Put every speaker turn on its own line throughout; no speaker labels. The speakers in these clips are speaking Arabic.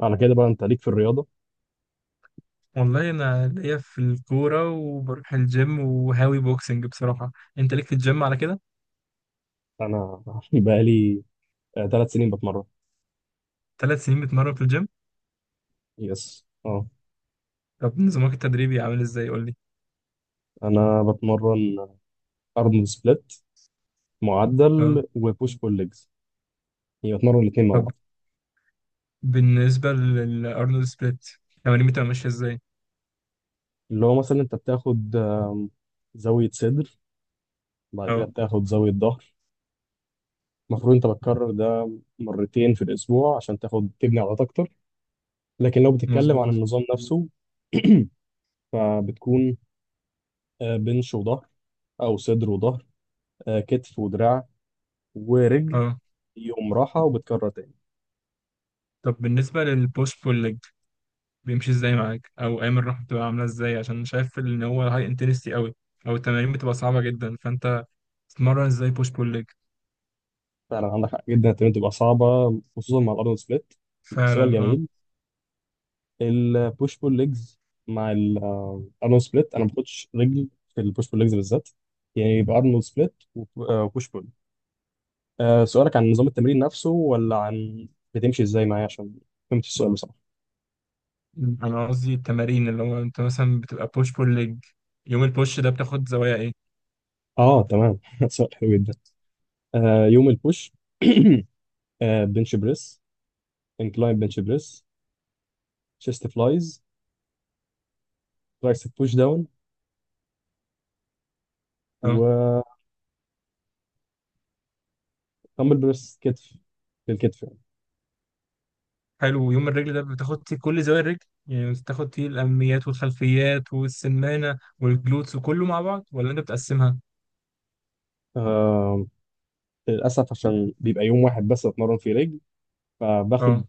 على كده بقى، انت ليك في الرياضه؟
والله انا ليا في الكوره وبروح الجيم وهاوي بوكسنج بصراحه. انت ليك في الجيم على كده؟
انا بقى لي 3 سنين بتمرن.
3 سنين بتمرن في الجيم؟
يس، اه.
طب نظامك التدريبي عامل ازاي، قول لي.
انا بتمرن ارنولد سبليت معدل
تمام.
وبوش بول ليجز، يعني بتمرن الاثنين مع
طب
بعض.
بالنسبه للارنولد سبليت، تمارين بتبقى ماشيه ازاي؟
اللي هو مثلا انت بتاخد زاويه صدر، بعد كده
اه،
بتاخد زاويه ظهر. المفروض انت بتكرر ده مرتين في الاسبوع عشان تاخد تبني عضلات اكتر، لكن لو بتتكلم عن
مظبوط.
النظام نفسه فبتكون بنش وظهر، او صدر وظهر، كتف ودراع، ورجل.
اه.
يوم راحه وبتكرر تاني.
طب بالنسبه للبوش بول ليج، بيمشي ازاي معاك، او ايام الراحه بتبقى عامله ازاي؟ عشان شايف ان هو هاي انتنستي قوي او التمارين بتبقى صعبه جدا، فانت تتمرن ازاي بوش بول ليج؟
فعلا عندك حق، جدا التمرين تبقى صعبة، خصوصا مع الأرنولد سبليت. سؤال
فعلا اه.
جميل. البوش بول ليجز مع الأرنولد سبليت، أنا ما باخدش رجل في البوش بول ليجز بالذات. يعني يبقى أرنولد سبليت وبوش بول. سؤالك عن نظام التمرين نفسه ولا عن بتمشي إزاي معايا؟ عشان فهمت السؤال بصراحة.
مم. انا قصدي التمارين، اللي هو انت مثلا بتبقى بوش بول ليج، يوم البوش ده بتاخد زوايا ايه؟
أه، تمام. سؤال حلو جدا. يوم البوش. بنش بريس، انكلاين بنش بريس، شيست فلايز، ترايسب بوش داون،
اه.
وتمبل بريس كتف، للكتف.
حلو، يوم الرجل ده بتاخد فيه كل زوايا الرجل؟ يعني بتاخد فيه الاماميات والخلفيات والسمانه والجلوتس وكله مع بعض، ولا انت بتقسمها؟
آه للأسف عشان بيبقى يوم واحد بس أتمرن فيه رجل، فباخد
اه.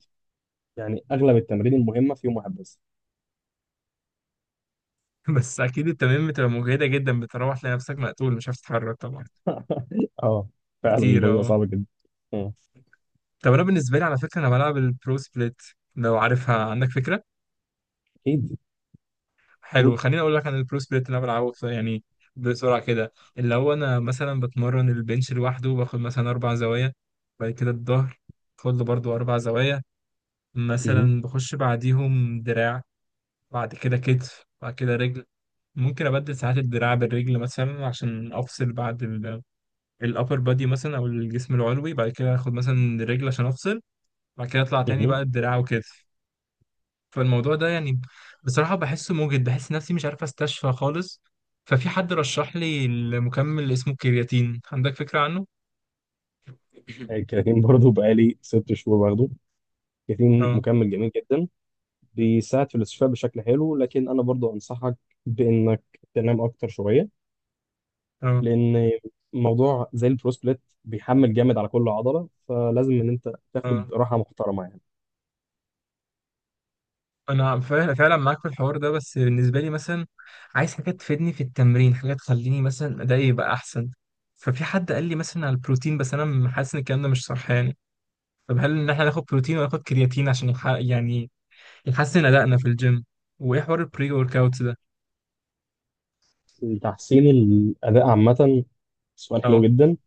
يعني أغلب التمارين المهمة في يوم واحد بس.
بس اكيد التمارين بتبقى مجهده جدا، بتروح تلاقي نفسك مقتول، مش عارف تتحرك طبعا.
اه، فعلا الموضوع
كتير
بيبقى
اه.
صعب جدا. آه،
طب انا بالنسبه لي، على فكره، انا بلعب البرو سبليت، لو عارفها عندك فكره.
أكيد.
حلو،
قول.
خليني اقول لك عن البرو سبليت اللي انا بلعبه يعني بسرعه كده. اللي هو انا مثلا بتمرن البنش لوحده، باخد مثلا 4 زوايا. بعد كده الظهر، باخد له برضه 4 زوايا.
مهم.
مثلا بخش بعديهم دراع، بعد كده كتف، بعد كده رجل. ممكن ابدل ساعات الدراع بالرجل مثلا عشان افصل بعد الابر بادي مثلا، او الجسم العلوي، بعد كده اخد مثلا الرجل عشان افصل، بعد كده اطلع تاني
مهم.
بقى الدراع وكده. فالموضوع ده يعني بصراحة بحسه موجد، بحس نفسي مش عارف استشفى خالص. ففي حد رشح لي المكمل اسمه كرياتين، عندك فكرة عنه؟
الكرياتين برضه بقالي 6 شهور باخده. كرياتين
اه.
مكمل جميل جدا، بيساعد في الاستشفاء بشكل حلو، لكن أنا برضه أنصحك بإنك تنام أكتر شوية،
اه.
لأن موضوع زي البروسبليت بيحمل جامد على كل عضلة، فلازم إن أنت تاخد
اه،
راحة محترمة يعني.
انا فعلا فعلا معاك في الحوار ده، بس بالنسبة لي مثلا عايز حاجة تفيدني في التمرين، حاجة تخليني مثلا ادائي يبقى احسن. ففي حد قال لي مثلا على البروتين، بس انا حاسس ان الكلام ده مش صح يعني. طب هل ان احنا ناخد بروتين ولا ناخد كرياتين عشان يعني يحسن ادائنا في الجيم؟ وايه حوار البري ورك اوت ده؟
تحسين الأداء عامة، سؤال حلو
اه.
جدا.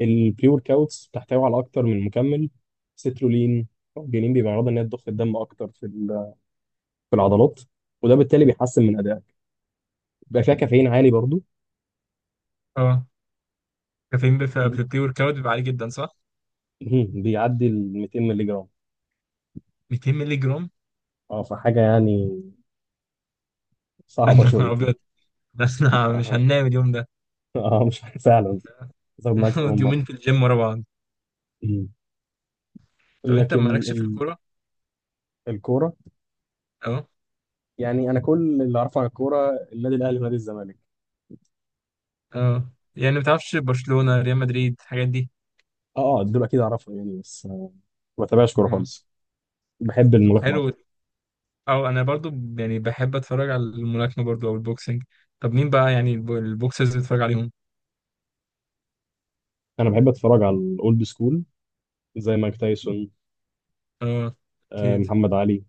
البري ورك اوتس بتحتوي على أكتر من مكمل، سترولين أو جنين، بيبقى غرضها إن هي تضخ الدم أكتر في العضلات، وده بالتالي بيحسن من أدائك. بيبقى فيها كافيين عالي برضو.
اه. كافيين في
وب-
البري ورك اوت بيبقى عالي جدا، صح؟
مهم. بيعدي ال 200 مللي جرام.
200 مللي جرام.
أه، فحاجة يعني
يا
صعبة
نهار
شويتين.
ابيض. بس انا مش
أه،
هننام اليوم ده.
أه، مش فعلا. زود معاك أكتر
هنقعد
من مرة.
يومين في الجيم ورا بعض.
مم.
طب انت
لكن
مالكش في الكوره؟
الكورة.
اه.
يعني أنا كل اللي أعرفه عن الكورة النادي الأهلي ونادي الزمالك.
اه، يعني ما بتعرفش برشلونه، ريال مدريد، الحاجات دي؟
اه، اه، دول اكيد اعرفهم يعني، بس ما بتابعش كوره
اه.
خالص. بحب
طب
الملاكمه
حلو.
اكتر.
اه، انا برضو يعني بحب اتفرج على الملاكمه برضو، او البوكسنج. طب مين بقى يعني البوكسرز اللي بتتفرج عليهم؟
انا بحب اتفرج على الاولد سكول، زي مايك تايسون.
اه. اكيد.
محمد علي.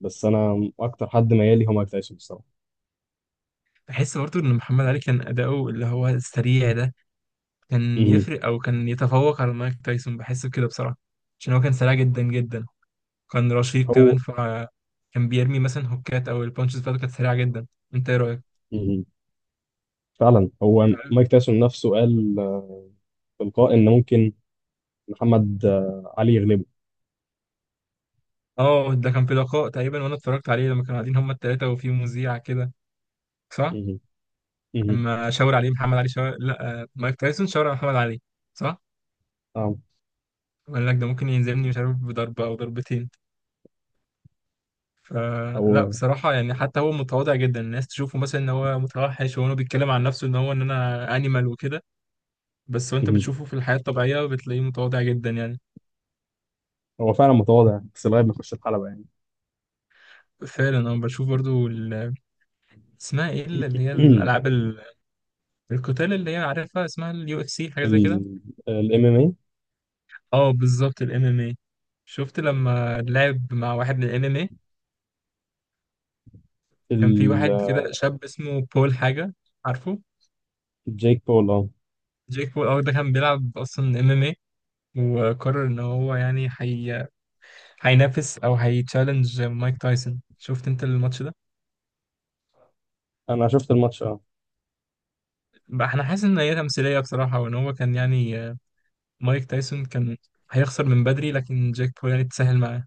بس انا اكتر حد ميالي هو مايك تايسون الصراحه.
بحس برضو ان محمد علي كان اداؤه اللي هو السريع ده كان
مهم.
يفرق، او كان يتفوق على مايك تايسون، بحس بكده بصراحه. عشان هو كان سريع جدا جدا، كان رشيق
هو.
كمان، فكان بيرمي مثلا هوكات، او البانشز بتاعته كانت سريعه جدا. انت ايه رايك؟
مهم. فعلا هو
تعرف،
مايك تايسون نفسه قال في لقاء ان ممكن محمد علي يغلبه.
اه، ده كان في لقاء تقريبا، وانا اتفرجت عليه لما كانوا قاعدين هما التلاته وفي مذيع كده. صح؟
مهم. مهم.
لما شاور عليه محمد علي، شاور، لا مايك تايسون شاور على محمد علي. صح؟
اه.
وقال لك ده ممكن ينزلني، مش عارف، بضربه او ضربتين. فلا
هو.
بصراحه، يعني حتى هو متواضع جدا، الناس تشوفه مثلا ان هو متوحش، وهو بيتكلم عن نفسه ان هو، ان انا انيمال وكده. بس وانت
مهم.
بتشوفه في الحياه الطبيعيه بتلاقيه متواضع جدا يعني.
هو فعلا متواضع، بس لغايه ما يخش الحلبه يعني.
فعلا انا بشوف برضو. اسمها ايه اللي هي الالعاب القتال، اللي هي عارفها اسمها اليو اف سي، حاجه زي كده.
الام ام ام
اه، بالظبط الام ام اي. شفت لما لعب مع واحد من الام ام اي؟
اي.
كان في واحد كده شاب اسمه بول حاجه، عارفه؟
جيك بول، اه.
جيك بول اه، ده كان بيلعب اصلا ام ام اي، وقرر ان هو يعني هينافس او هيتشالنج مايك تايسون. شفت انت الماتش ده؟
انا شفت الماتش.
بقى احنا حاسس ان هي تمثيليه بصراحه، وان هو كان يعني مايك تايسون كان هيخسر من بدري، لكن جيك بول يعني اتسهل معاه.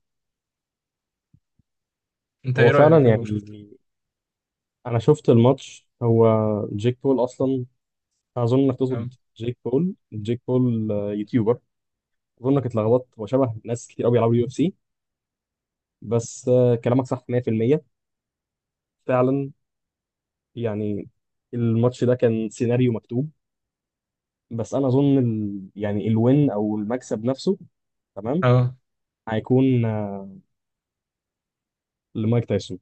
انت
هو
ايه
فعلا
رايك لو
يعني
شفته؟
انا شفت الماتش. هو جيك بول اصلا. اظن انك تقصد جيك بول، جيك بول يوتيوبر. اظن انك اتلخبطت، هو شبه ناس كتير قوي بيلعبوا يو اف سي. بس كلامك صح 100%. فعلا، يعني الماتش ده كان سيناريو مكتوب. بس انا اظن يعني الوين او المكسب نفسه، تمام،
اه.
هيكون لمايك تايسون،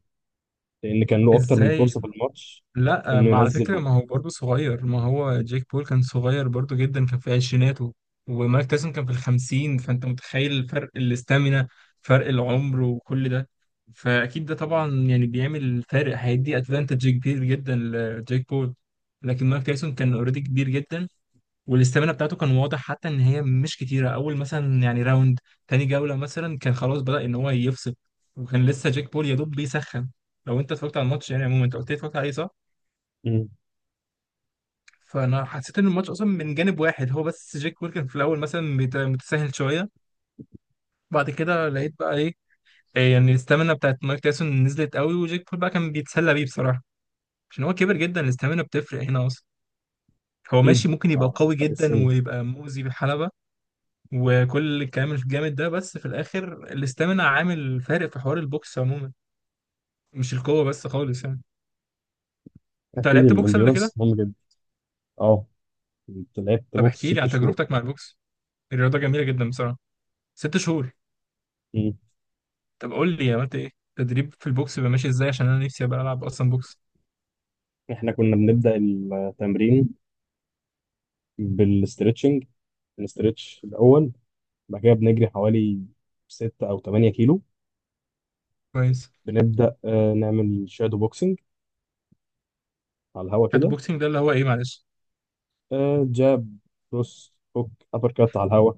لان كان له اكتر من
ازاي؟
فرصة في الماتش
لا،
انه
ما على
ينزل
فكره
هو.
ما هو برضه صغير، ما هو جيك بول كان صغير برضه جدا، كان في عشريناته، ومايك تايسون كان في الخمسين. فانت متخيل فرق الاستامينا، فرق العمر وكل ده؟ فاكيد ده طبعا يعني بيعمل فارق، هيدي ادفانتج كبير جدا لجيك بول. لكن مايك تايسون كان اوريدي كبير جدا، والاستامينا بتاعته كان واضح حتى ان هي مش كتيره. اول مثلا يعني راوند، تاني جوله مثلا، كان خلاص بدأ ان هو يفصل، وكان لسه جيك بول يا دوب بيسخن. لو انت اتفرجت على الماتش يعني عموما، انت قلت لي اتفرجت عليه، صح؟
مم.
فانا حسيت ان الماتش اصلا من جانب واحد، هو بس جيك بول كان في الاول مثلا متساهل شويه. بعد كده لقيت بقى ايه؟ إيه يعني الاستامينا بتاعت مايك تايسون نزلت قوي، وجيك بول بقى كان بيتسلى بيه بصراحه. عشان هو كبر جدا، الاستامينا بتفرق هنا اصلا. هو
اكيد.
ماشي ممكن يبقى قوي
فرق
جدا
السن.
ويبقى مؤذي بالحلبة، وكل الكلام الجامد ده، بس في الاخر الاستامينا عامل فارق في حوار البوكس عموما، مش القوه بس خالص يعني. انت
اكيد
لعبت بوكس قبل كده؟
الانديورنس مهم. اه، كنت لعبت
طب
بوكس
احكي لي
ست
عن
شهور
تجربتك مع البوكس، الرياضه جميله جدا بصراحه. 6 شهور؟
مم.
طب قول لي عملت ايه. تدريب في البوكس بيبقى ماشي ازاي؟ عشان انا نفسي ابقى العب اصلا بوكس.
احنا كنا بنبدأ التمرين بالاسترتشنج، بنسترتش الأول. بعد كده بنجري حوالي 6 أو 8 كيلو.
كويس.
بنبدأ نعمل شادو بوكسنج على الهوا
كات
كده.
بوكسنج ده اللي هو ايه، معلش؟
جاب، كروس، هوك، أبر كات على الهوا.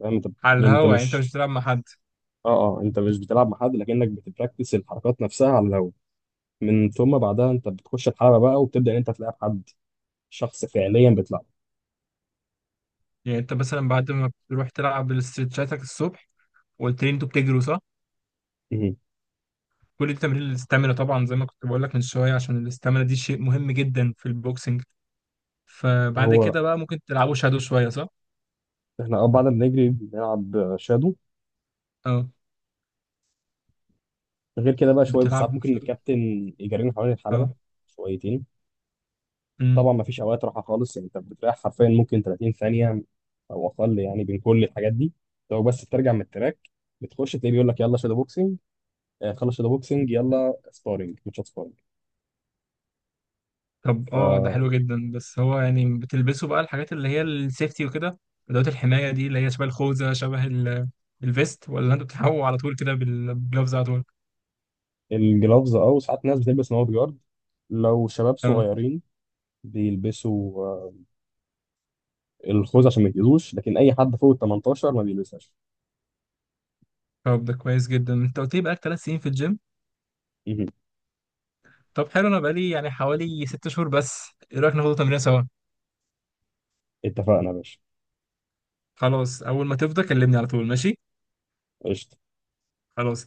فاهم انت؟
على
يعني انت
الهوا، يعني انت مش
مش،
بتلعب مع حد؟
اه، اه، انت مش بتلعب مع حد، لكنك بتبراكتس الحركات نفسها على الهوا. من ثم بعدها انت بتخش الحلبة بقى، وبتبدأ ان انت تلعب حد، شخص فعليا بتلعب.
يعني انت مثلا بعد ما بتروح تلعب الاسترتشاتك الصبح، وقلت لي انتوا بتجروا، صح؟
مم.
كل دي تمرين الاستامينا طبعا، زي ما كنت بقول لك من شويه، عشان الاستامينا دي شيء مهم جدا في البوكسنج. فبعد
هو
كده بقى ممكن تلعبوا شادو شوية، صح؟
احنا بعد ما بنجري بنلعب شادو.
اه.
غير كده بقى شويه بس،
بتلعب
ساعات ممكن
شادو.
الكابتن يجرينا حوالين الحلبه
اه.
شويتين. طبعا
امم.
ما فيش اوقات راحه خالص، يعني انت بتريح حرفيا ممكن 30 ثانيه او اقل، يعني بين كل الحاجات دي. لو بس بترجع من التراك، بتخش تلاقيه بيقول لك يلا شادو بوكسنج. خلص شادو بوكسنج، يلا سبارنج، ماتشات سبارنج.
طب اه ده حلو جدا، بس هو يعني بتلبسوا بقى الحاجات اللي هي السيفتي وكده، ادوات الحماية دي، اللي هي شبه الخوذة، شبه الفيست، ولا انتوا بتلعبوا على طول كده بالجلوفز على طول؟
فالجلافز، وساعات ناس بتلبس نوت جارد. لو شباب
اه.
صغيرين بيلبسوا الخوذه عشان ما يتاذوش، لكن اي حد فوق ال 18 ما بيلبسهاش.
طب ده كويس جدا، انت قلت لي بقالك 3 سنين في الجيم.
مهم.
طب حلو، انا بقالي يعني حوالي 6 شهور بس. ايه رايك ناخد تمرين سوا؟
اتفقنا يا باشا.
خلاص، اول ما تفضى كلمني على طول، ماشي؟
قشطة.
خلاص.